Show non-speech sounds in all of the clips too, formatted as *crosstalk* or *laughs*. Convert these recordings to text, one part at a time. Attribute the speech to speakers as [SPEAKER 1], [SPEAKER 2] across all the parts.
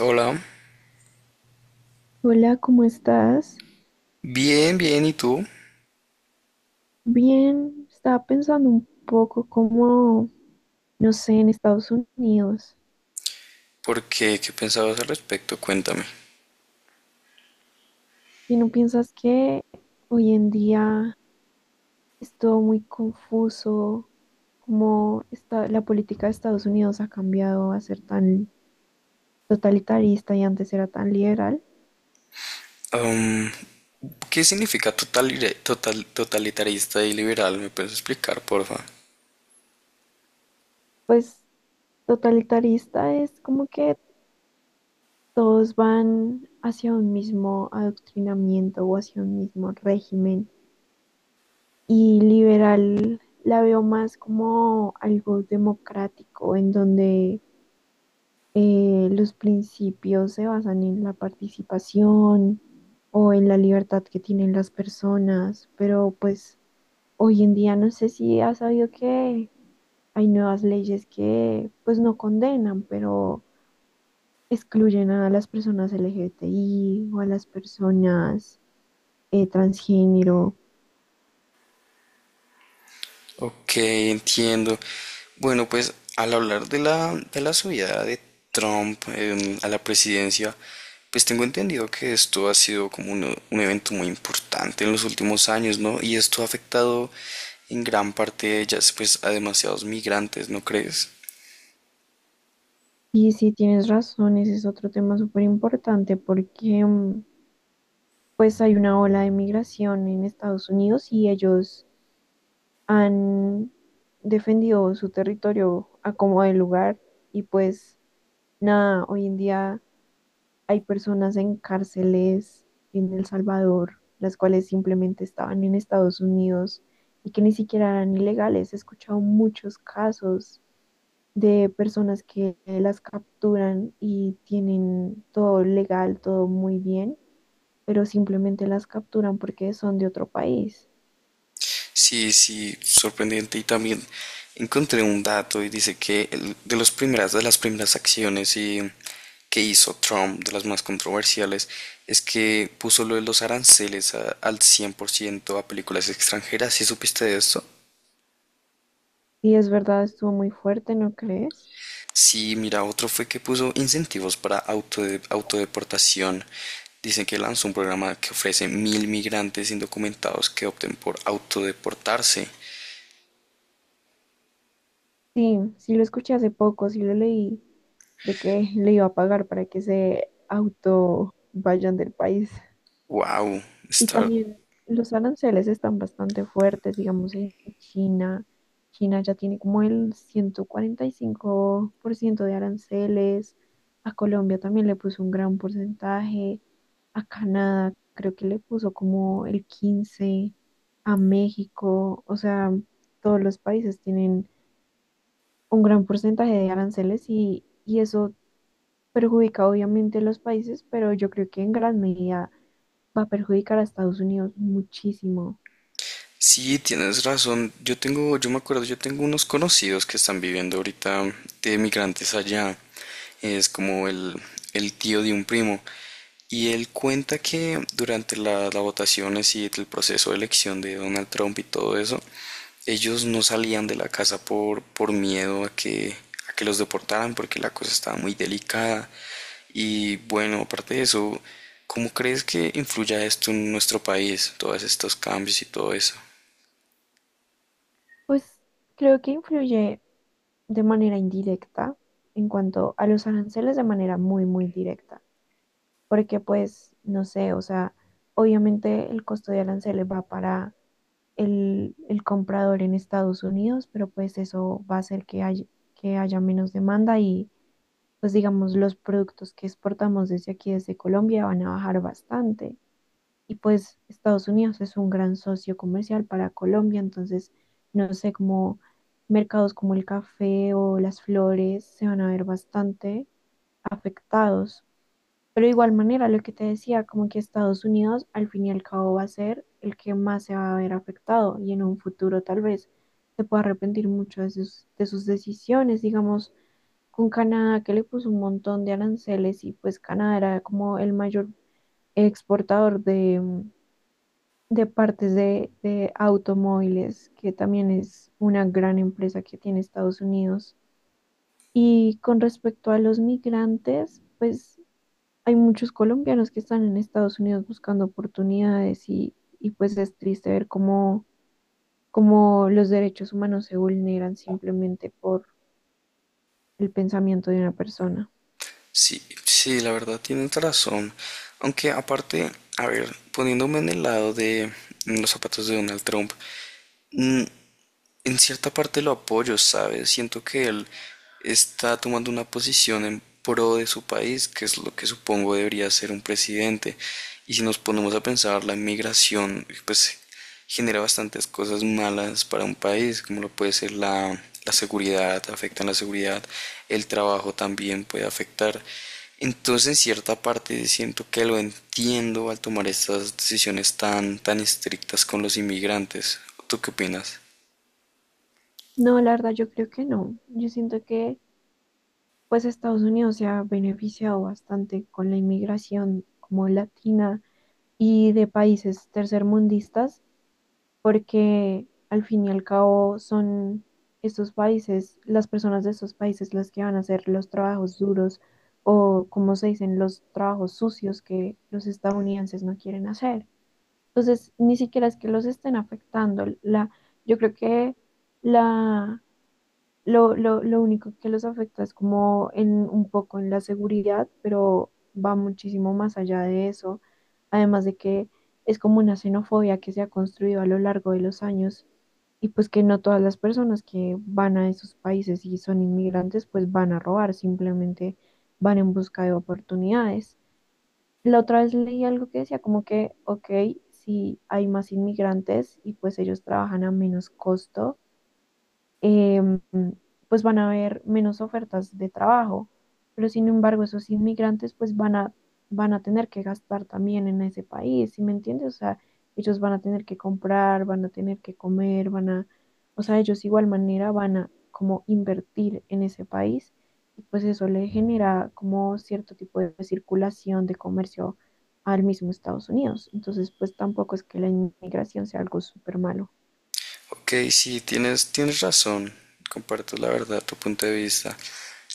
[SPEAKER 1] Hola,
[SPEAKER 2] Hola, ¿cómo estás?
[SPEAKER 1] bien, bien, ¿y tú?
[SPEAKER 2] Bien, estaba pensando un poco como, no sé, en Estados Unidos.
[SPEAKER 1] ¿Por qué? ¿Qué pensabas al respecto? Cuéntame.
[SPEAKER 2] ¿Y no piensas que hoy en día es todo muy confuso? Como está la política de Estados Unidos? Ha cambiado a ser tan totalitarista y antes era tan liberal.
[SPEAKER 1] Am, ¿Qué significa totalitarista y liberal? ¿Me puedes explicar, porfa?
[SPEAKER 2] Pues totalitarista es como que todos van hacia un mismo adoctrinamiento o hacia un mismo régimen. Y liberal la veo más como algo democrático, en donde los principios se basan en la participación o en la libertad que tienen las personas. Pero pues hoy en día no sé si has sabido que hay nuevas leyes que pues no condenan, pero excluyen a las personas LGBTI o a las personas transgénero.
[SPEAKER 1] Ok, entiendo. Bueno, pues al hablar de la subida de Trump a la presidencia, pues tengo entendido que esto ha sido como un evento muy importante en los últimos años, ¿no? Y esto ha afectado en gran parte, ya, pues, a demasiados migrantes, ¿no crees?
[SPEAKER 2] Y sí, tienes razón, ese es otro tema súper importante porque pues hay una ola de migración en Estados Unidos y ellos han defendido su territorio a como de lugar y pues nada, hoy en día hay personas en cárceles en El Salvador, las cuales simplemente estaban en Estados Unidos y que ni siquiera eran ilegales. He escuchado muchos casos de personas que las capturan y tienen todo legal, todo muy bien, pero simplemente las capturan porque son de otro país.
[SPEAKER 1] Sí, sí, sorprendente. Y también encontré un dato y dice que de las primeras acciones que hizo Trump, de las más controversiales, es que puso lo de los aranceles al 100% a películas extranjeras. ¿Sí supiste de esto?
[SPEAKER 2] Y es verdad, estuvo muy fuerte, ¿no crees?
[SPEAKER 1] Sí, mira, otro fue que puso incentivos para autodeportación. Dicen que lanzó un programa que ofrece 1.000 migrantes indocumentados que opten por autodeportarse.
[SPEAKER 2] Sí, sí lo escuché hace poco, sí lo leí, de que le iba a pagar para que se auto vayan del país.
[SPEAKER 1] Wow,
[SPEAKER 2] Y
[SPEAKER 1] está.
[SPEAKER 2] también los aranceles están bastante fuertes, digamos, en China. China ya tiene como el 145% de aranceles. A Colombia también le puso un gran porcentaje. A Canadá creo que le puso como el 15%. A México. O sea, todos los países tienen un gran porcentaje de aranceles y eso perjudica obviamente a los países, pero yo creo que en gran medida va a perjudicar a Estados Unidos muchísimo.
[SPEAKER 1] Sí, tienes razón. Yo me acuerdo, yo tengo unos conocidos que están viviendo ahorita de migrantes allá. Es como el tío de un primo. Y él cuenta que durante las votaciones y sí, el proceso de elección de Donald Trump y todo eso, ellos no salían de la casa por miedo a que los deportaran, porque la cosa estaba muy delicada. Y bueno, aparte de eso, ¿cómo crees que influya esto en nuestro país, todos estos cambios y todo eso?
[SPEAKER 2] Pues creo que influye de manera indirecta en cuanto a los aranceles de manera muy, muy directa, porque pues, no sé, o sea, obviamente el costo de aranceles va para el comprador en Estados Unidos, pero pues eso va a hacer que haya menos demanda y pues digamos los productos que exportamos desde aquí, desde Colombia, van a bajar bastante. Y pues Estados Unidos es un gran socio comercial para Colombia, entonces no sé cómo mercados como el café o las flores se van a ver bastante afectados. Pero de igual manera, lo que te decía, como que Estados Unidos al fin y al cabo va a ser el que más se va a ver afectado y en un futuro tal vez se pueda arrepentir mucho de sus decisiones, digamos, con Canadá que le puso un montón de aranceles y pues Canadá era como el mayor exportador de partes de automóviles, que también es una gran empresa que tiene Estados Unidos. Y con respecto a los migrantes, pues hay muchos colombianos que están en Estados Unidos buscando oportunidades y pues es triste ver cómo, cómo los derechos humanos se vulneran simplemente por el pensamiento de una persona.
[SPEAKER 1] Sí, sí, la verdad tienes razón. Aunque aparte, a ver, poniéndome en el lado de los zapatos de Donald Trump, mm, en cierta parte lo apoyo, ¿sabes? Siento que él está tomando una posición en pro de su país, que es lo que supongo debería ser un presidente. Y si nos ponemos a pensar, la inmigración, pues genera bastantes cosas malas para un país, como lo puede ser la seguridad, afecta en la seguridad, el trabajo también puede afectar. Entonces, en cierta parte siento que lo entiendo al tomar estas decisiones tan, tan estrictas con los inmigrantes. ¿Tú qué opinas?
[SPEAKER 2] No, la verdad yo creo que no. Yo siento que pues Estados Unidos se ha beneficiado bastante con la inmigración como latina y de países tercermundistas, porque al fin y al cabo son estos países, las personas de estos países las que van a hacer los trabajos duros o, como se dicen, los trabajos sucios que los estadounidenses no quieren hacer. Entonces, ni siquiera es que los estén afectando. Yo creo que la lo único que los afecta es como en un poco en la seguridad, pero va muchísimo más allá de eso. Además de que es como una xenofobia que se ha construido a lo largo de los años y pues que no todas las personas que van a esos países y son inmigrantes pues van a robar, simplemente van en busca de oportunidades. La otra vez leí algo que decía como que, ok, si hay más inmigrantes y pues ellos trabajan a menos costo, em, pues van a haber menos ofertas de trabajo, pero sin embargo esos inmigrantes pues van a, van a tener que gastar también en ese país, ¿sí me entiendes? O sea, ellos van a tener que comprar, van a tener que comer, van a, o sea, ellos igual manera van a como invertir en ese país y pues eso le genera como cierto tipo de circulación de comercio al mismo Estados Unidos. Entonces, pues tampoco es que la inmigración sea algo súper malo.
[SPEAKER 1] Ok, sí, tienes razón. Comparto la verdad, tu punto de vista.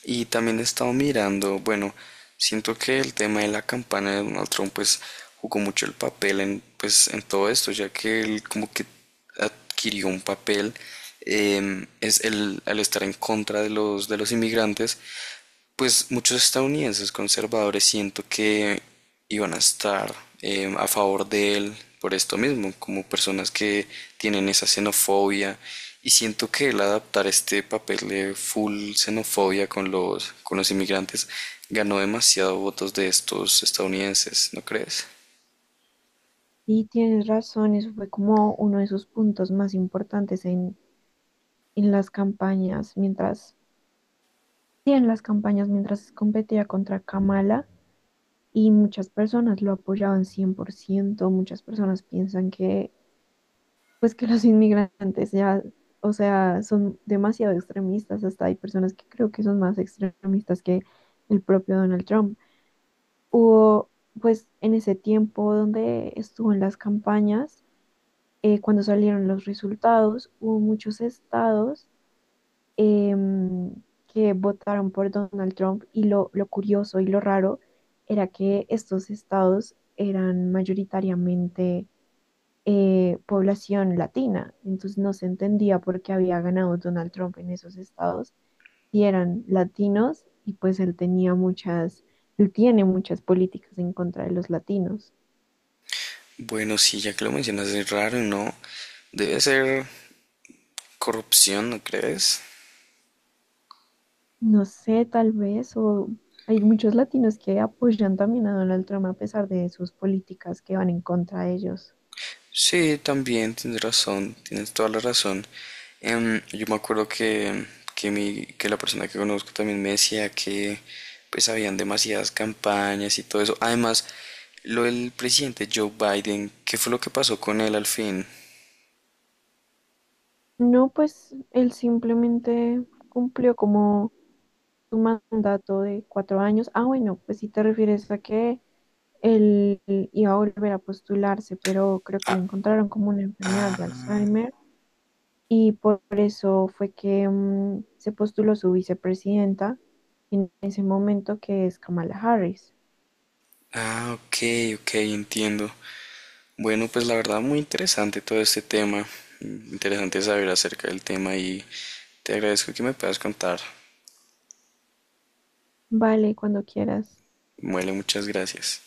[SPEAKER 1] Y también he estado mirando, bueno, siento que el tema de la campana de Donald Trump pues jugó mucho el papel en, pues, en todo esto, ya que él como que adquirió un papel al estar en contra de los inmigrantes, pues muchos estadounidenses conservadores siento que iban a estar a favor de él por esto mismo, como personas que tienen esa xenofobia. Y siento que el adaptar este papel de full xenofobia con los, inmigrantes ganó demasiado votos de estos estadounidenses, ¿no crees?
[SPEAKER 2] Y tienes razón, eso fue como uno de sus puntos más importantes en las campañas, mientras, sí, en las campañas mientras competía contra Kamala y muchas personas lo apoyaban 100%, muchas personas piensan que, pues que los *laughs* inmigrantes ya, o sea, son demasiado extremistas, hasta hay personas que creo que son más extremistas que el propio Donald Trump. Hubo, pues, en ese tiempo donde estuvo en las campañas, cuando salieron los resultados, hubo muchos estados em, que votaron por Donald Trump y lo curioso y lo raro era que estos estados eran mayoritariamente población latina, entonces no se entendía por qué había ganado Donald Trump en esos estados si eran latinos y pues él tenía muchas, él tiene muchas políticas en contra de los latinos.
[SPEAKER 1] Bueno, sí, ya que lo mencionas, es raro, ¿no? Debe ser corrupción, ¿no crees?
[SPEAKER 2] No sé, tal vez, o hay muchos latinos que apoyan también a Donald Trump a pesar de sus políticas que van en contra de ellos.
[SPEAKER 1] Sí, también tienes razón, tienes toda la razón. Yo me acuerdo que la persona que conozco también me decía que pues habían demasiadas campañas y todo eso. Además, lo del presidente Joe Biden, ¿qué fue lo que pasó con él al fin?
[SPEAKER 2] No, pues él simplemente cumplió como su mandato de 4 años. Ah, bueno, pues si te refieres a que él iba a volver a postularse, pero creo que
[SPEAKER 1] Ah,
[SPEAKER 2] le encontraron como una enfermedad de Alzheimer y por eso fue que, se postuló su vicepresidenta en ese momento, que es Kamala Harris.
[SPEAKER 1] ah, ok, ok, entiendo. Bueno, pues la verdad muy interesante todo este tema. Interesante saber acerca del tema y te agradezco que me puedas contar.
[SPEAKER 2] Vale, cuando quieras.
[SPEAKER 1] Muele, muchas gracias.